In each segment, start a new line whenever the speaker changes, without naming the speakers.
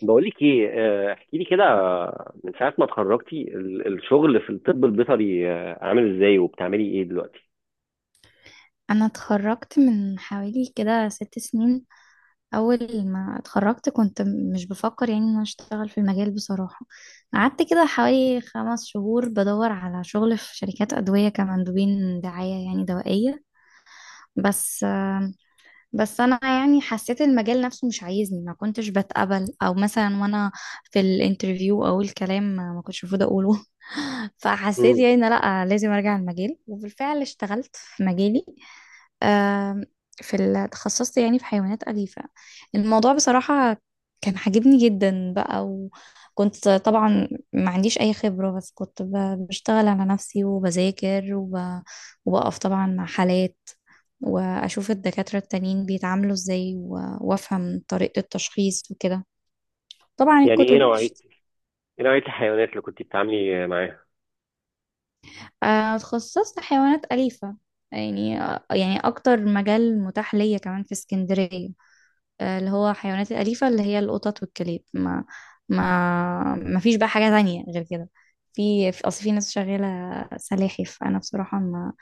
بقولك ايه. احكي لي كده، من ساعة ما اتخرجتي الشغل في الطب البيطري، عامل ازاي وبتعملي ايه دلوقتي؟
انا اتخرجت من حوالي كده 6 سنين. اول ما اتخرجت كنت مش بفكر يعني ان انا اشتغل في المجال بصراحة. قعدت كده حوالي 5 شهور بدور على شغل في شركات ادوية كمندوبين دعاية يعني دوائية. بس بس انا يعني حسيت المجال نفسه مش عايزني، ما كنتش بتقبل او مثلا وانا في الانترفيو او الكلام ما كنتش المفروض اقوله. فحسيت
مم.
يعني إن لا لازم ارجع المجال، وبالفعل اشتغلت في مجالي. آم، في تخصصت يعني في حيوانات أليفة. الموضوع بصراحة كان عاجبني جدا بقى. وكنت طبعا ما عنديش أي خبرة، بس كنت بشتغل على نفسي وبذاكر وبقف طبعا مع حالات، واشوف الدكاترة التانيين بيتعاملوا ازاي وافهم طريقة التشخيص وكده. طبعا
يعني ايه
الكتب.
نوعية ايه نوعية الحيوانات اللي كنت بتتعاملي معاها؟
اتخصصت حيوانات أليفة. يعني يعني اكتر مجال متاح ليا كمان في اسكندرية، اللي هو حيوانات الأليفة اللي هي القطط والكلاب. ما فيش بقى حاجة تانية غير كده. في أصل في ناس شغالة سلاحف. أنا بصراحة ما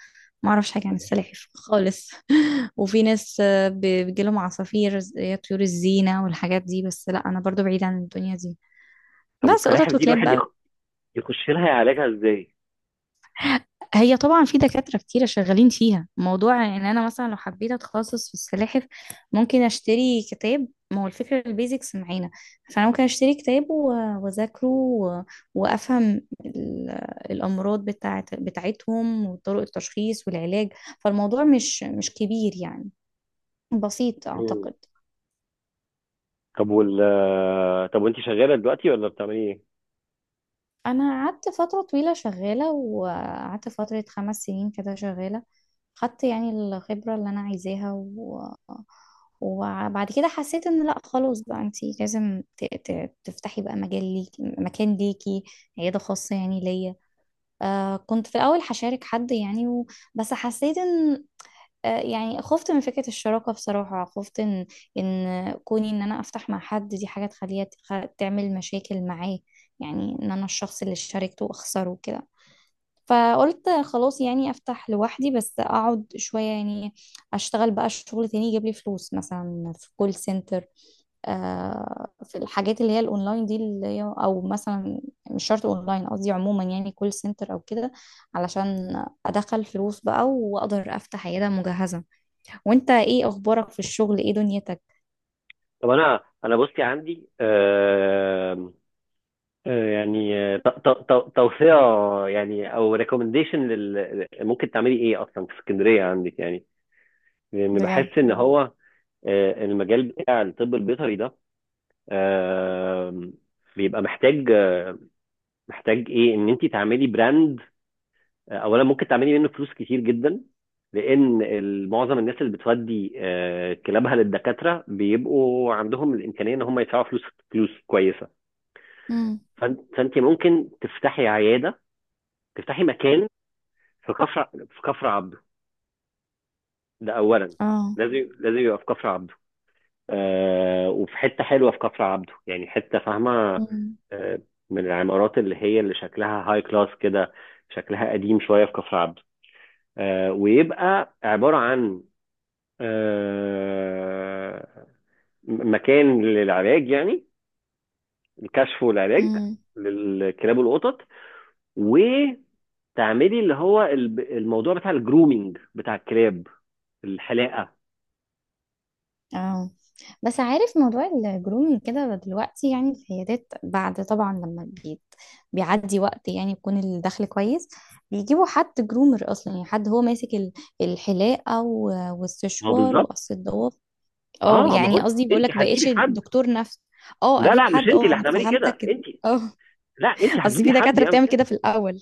ما أعرفش حاجة عن السلاحف خالص. وفي ناس بيجيلهم عصافير زي طيور الزينة والحاجات دي، بس لا أنا برضو بعيدة عن الدنيا دي.
طب
بس
والسلاحف
قطط
دي
وكلاب
الواحد
بقى.
يخش لها يعالجها ازاي؟
هي طبعا في دكاترة كتيرة شغالين فيها. موضوع ان انا مثلا لو حبيت اتخصص في السلاحف، ممكن اشتري كتاب، ما هو الفكرة البيزكس معانا. فانا ممكن اشتري كتاب واذاكره وافهم ال- الامراض بتاعتهم وطرق التشخيص والعلاج. فالموضوع مش كبير يعني، بسيط
مم.
اعتقد.
طب وال آه، طب وانت شغالة دلوقتي ولا بتعملي ايه؟
انا قعدت فتره طويله شغاله، وقعدت فتره 5 سنين كده شغاله. خدت يعني الخبره اللي انا عايزاها وبعد كده حسيت ان لا خلاص بقى، انتي لازم تفتحي بقى مجال ليكي، مكان ليكي، عياده خاصه يعني ليا. آه، كنت في الاول هشارك حد يعني بس حسيت ان يعني خفت من فكرة الشراكة. بصراحة خفت ان كوني ان انا افتح مع حد دي حاجة تخليها تعمل مشاكل معاه، يعني ان انا الشخص اللي شاركته اخسره كده. فقلت خلاص يعني افتح لوحدي، بس اقعد شوية يعني اشتغل بقى شغل تاني يجيب لي فلوس، مثلا في كول سنتر، في الحاجات اللي هي الاونلاين دي اللي هي، او مثلا مش شرط اونلاين، قصدي عموما يعني كول سنتر او كده، علشان ادخل فلوس بقى واقدر افتح عياده مجهزه. وانت ايه اخبارك في الشغل؟ ايه دنيتك؟
طب انا بصي عندي، يعني، توصية يعني او ريكومنديشن لل ممكن تعملي ايه اصلا في اسكندرية عندك، يعني لان
بجد.
بحس ان هو المجال بتاع الطب البيطري ده آه، بيبقى محتاج، محتاج ايه ان انت تعملي براند. اولا ممكن تعملي منه فلوس كتير جدا، لان معظم الناس اللي بتودي كلابها للدكاتره بيبقوا عندهم الامكانيه ان هم يدفعوا فلوس، فلوس كويسه.
امم.
فأنت ممكن تفتحي عياده، تفتحي مكان في كفر عبده، ده اولا.
اه.
لازم لازم يبقى في كفر عبده. آه، وفي حته حلوه في كفر عبده، يعني حته فاهمه،
امم.
آه، من العمارات اللي هي اللي شكلها هاي كلاس كده، شكلها قديم شويه في كفر عبده. آه، ويبقى عباره عن، آه، مكان للعلاج، يعني الكشف والعلاج
امم.
للكلاب والقطط. وتعملي اللي هو الموضوع بتاع الجرومينج بتاع الكلاب، الحلاقه.
اه، بس عارف موضوع الجرومينج كده دلوقتي، يعني العيادات بعد طبعا لما بيت بيعدي وقت، يعني يكون الدخل كويس، بيجيبوا حد جرومر اصلا، يعني حد هو ماسك الحلاقه
ما هو
والسشوار
بالظبط.
وقص الضوافر. اه
اه، ما هو
يعني قصدي بقول
انت
لك
هتجيبي
بقيتش
حد.
دكتور نفس. اه
لا
اجيب
لا، مش
حد،
انت
اه
اللي
انا
هتعملي
فهمتك
كده،
كده.
انت،
اه.
لا انت
اصل
هتجيبي
في
حد
دكاتره
يعمل
بتعمل
كده.
كده في الاول.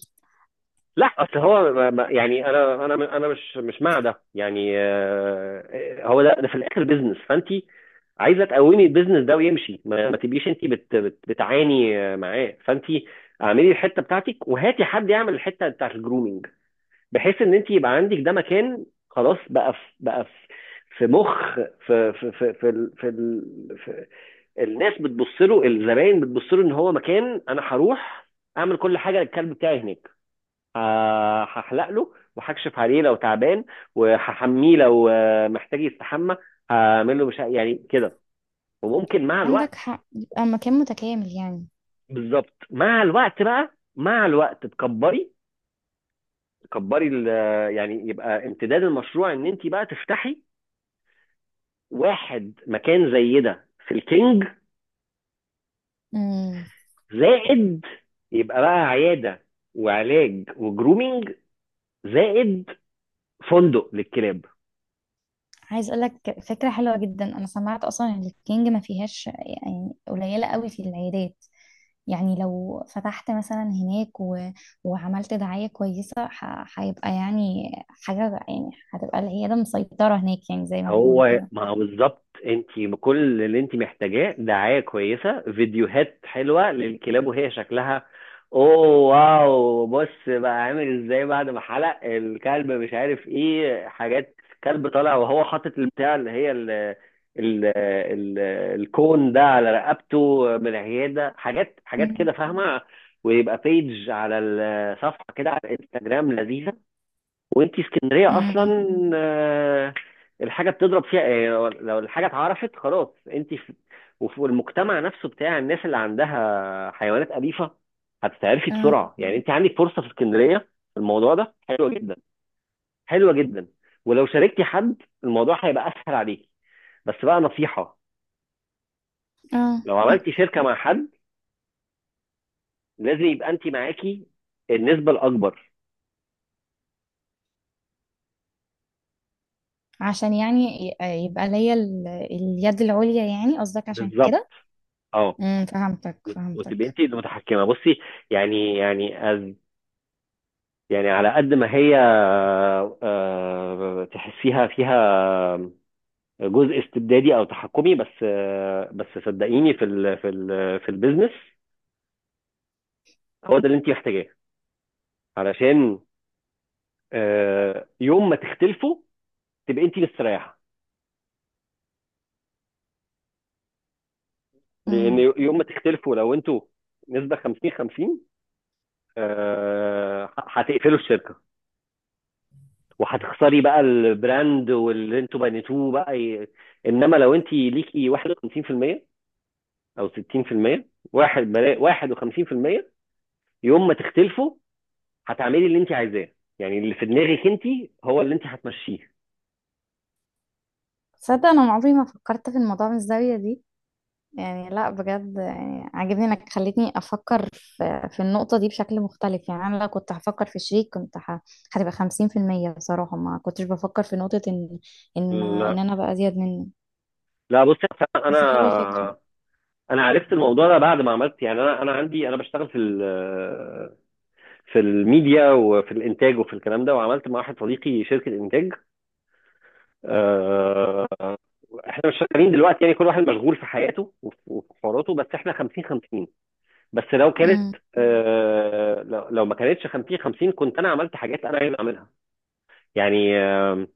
لا اصل هو يعني انا مش مع ده، يعني، هو ده في الاخر بيزنس، فانت عايزه تقومي البيزنس ده ويمشي، ما تبقيش انت بت بت بتعاني، معاه، فانت اعملي الحته بتاعتك وهاتي حد يعمل الحته بتاعت الجرومينج، بحيث ان انت يبقى عندك ده مكان خلاص بقى في الناس بتبص له، الزباين بتبص له ان هو مكان انا هروح اعمل كل حاجه للكلب بتاعي هناك. هحلق له وهكشف عليه لو تعبان، وهحميه لو، محتاج، يستحمى، هعمل له، مش يعني كده. وممكن مع الوقت.
عندك حق، يبقى مكان متكامل يعني.
بالظبط، مع الوقت بقى، مع الوقت تكبري، تكبري يعني، يبقى امتداد المشروع ان انت بقى تفتحي واحد مكان زي ده في الكينج.
مم.
زائد، يبقى بقى عياده وعلاج وجرومينج، زائد فندق للكلاب.
عايز اقول لك فكره حلوه جدا، انا سمعت اصلا ان الكينج ما فيهاش، يعني قليله قوي في العيادات. يعني لو فتحت مثلا هناك وعملت دعايه كويسه، هيبقى يعني حاجه، يعني هتبقى العياده مسيطره هناك يعني زي ما بيقولوا
هو
كده.
ما هو بالظبط، انت بكل اللي انت محتاجاه دعاية كويسة، فيديوهات حلوة للكلاب وهي شكلها اوه واو. بص بقى عامل ازاي بعد ما حلق الكلب، مش عارف ايه، حاجات، كلب طالع وهو حاطط البتاع اللي هي ال ال ال الكون ده على رقبته من العيادة، حاجات حاجات
مم.
كده، فاهمة؟ ويبقى بيج على الصفحة كده على الانستجرام، لذيذة. وانت اسكندريه
مم.
اصلا، آه، الحاجه بتضرب فيها، لو الحاجه اتعرفت خلاص انت في، وفي المجتمع نفسه بتاع الناس اللي عندها حيوانات اليفه، هتتعرفي
اه.
بسرعه. يعني انت عندك فرصه في اسكندريه في الموضوع ده، حلوه جدا، حلوه جدا. ولو شاركتي حد، الموضوع هيبقى اسهل عليكي. بس بقى نصيحه،
اه،
لو عملتي شركه مع حد، لازم يبقى انت معاكي النسبه الاكبر.
عشان يعني ي- يبقى ليا اليد العليا يعني، قصدك عشان
بالظبط،
كده.
اه،
امم، فهمتك
وتبقي
فهمتك.
انت المتحكمه. بصي، يعني يعني يعني على قد ما هي تحسيها فيها جزء استبدادي او تحكمي، بس بس صدقيني في البيزنس هو ده اللي انت محتاجاه، علشان يوم ما تختلفوا تبقى انت مستريحه.
امم.
لان يوم ما تختلفوا لو انتوا نسبه 50 50، هتقفلوا الشركه، وهتخسري بقى البراند واللي انتوا بنيتوه بقى انما لو انت ليكي 51% او 60% واحد بلا... 51% يوم ما تختلفوا هتعملي اللي انت عايزاه، يعني اللي في دماغك انت هو اللي انت هتمشيه.
تصدق انا عمري ما فكرت في الموضوع من الزاويه دي، يعني لا بجد، يعني عاجبني انك خليتني افكر في النقطة دي بشكل مختلف. يعني انا لو كنت هفكر في شريك، كنت هتبقى 50%. بصراحة ما كنتش بفكر في نقطة ان ان
لا
ان انا بقى ازيد منه.
لا، بصي أصل انا،
بس حلوة الفكرة.
انا عرفت الموضوع ده بعد ما عملت، يعني انا انا عندي، انا بشتغل في الميديا وفي الانتاج وفي الكلام ده، وعملت مع واحد صديقي شركة انتاج. آه، احنا مش شغالين دلوقتي، يعني كل واحد مشغول في حياته وفي حواراته، بس احنا 50 50. بس لو كانت،
امم.
لو ما كانتش 50 50 كنت انا عملت حاجات انا عايز اعملها. يعني،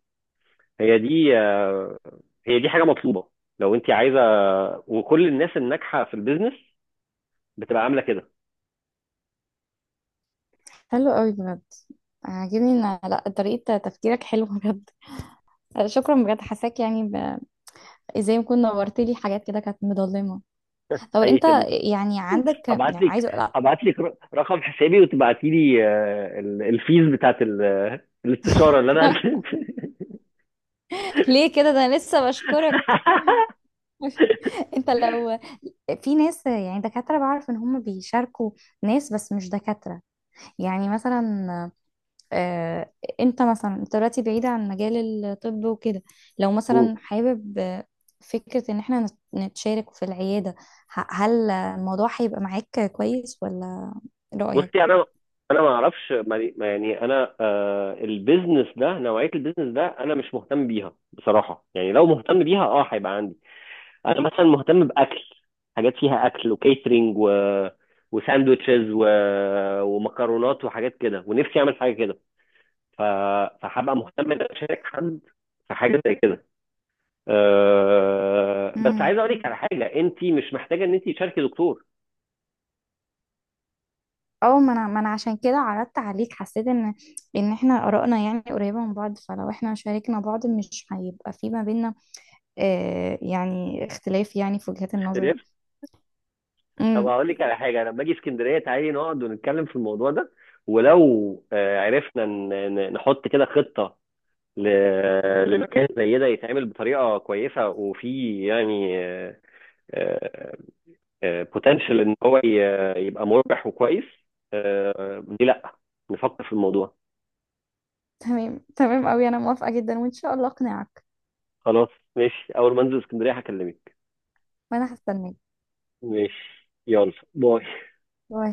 هي دي آه، هي دي حاجه مطلوبه لو انت عايزه. وكل الناس الناجحه في البيزنس بتبقى عامله كده.
حلو قوي بجد. عاجبني ان لا طريقة تفكيرك حلوة بجد. شكرا بجد، حساك يعني ازاي ما كنت، نورت لي حاجات كده كانت مضلمة. طب
اي
انت
خدمه،
يعني عندك يعني
هبعت لك
عايزة لا.
هبعت لك رقم حسابي، وتبعتي لي، الفيز بتاعت الاستشاره اللي انا
ليه كده، ده انا لسه بشكرك. انت لو في ناس يعني دكاترة بعرف ان هم بيشاركوا ناس، بس مش دكاترة يعني، مثلا آه، انت مثلا انت دلوقتي بعيدة عن مجال الطب وكده، لو مثلا حابب آه، فكرة ان احنا نتشارك في العيادة، هل الموضوع هيبقى معاك كويس، ولا
بصي
رأيك؟
انا، انا ما اعرفش ما، يعني انا، آه، البيزنس ده، نوعيه البيزنس ده انا مش مهتم بيها بصراحه، يعني لو مهتم بيها اه هيبقى عندي. انا مثلا مهتم باكل، حاجات فيها اكل وكيترينج، و وساندوتشز، و... ومكرونات وحاجات كده، ونفسي اعمل حاجه كده. ف... فهبقى مهتم ان أنا اشارك حد في حاجه زي كده. أه... بس
امم.
عايز اقول لك على حاجه، انت مش محتاجه ان انت تشاركي دكتور.
اه، ما انا عشان كده عرضت عليك، حسيت ان ان احنا آرائنا يعني قريبة من بعض، فلو احنا شاركنا بعض مش هيبقى في ما بينا آه، يعني اختلاف يعني في وجهات النظر.
طب هقول لك على حاجه، انا لما اجي اسكندريه تعالي نقعد ونتكلم في الموضوع ده. ولو، عرفنا نحط كده خطه لمكان زي ده يتعمل بطريقه كويسه وفي يعني بوتنشال ان هو يبقى مربح وكويس. ليه لا، نفكر في الموضوع.
تمام تمام أوي، أنا موافقة جدا، وإن شاء الله أقنعك.
خلاص، ماشي، اول ما انزل اسكندريه هكلمك.
وأنا هستناك.
ماشي، يلا باي.
باي.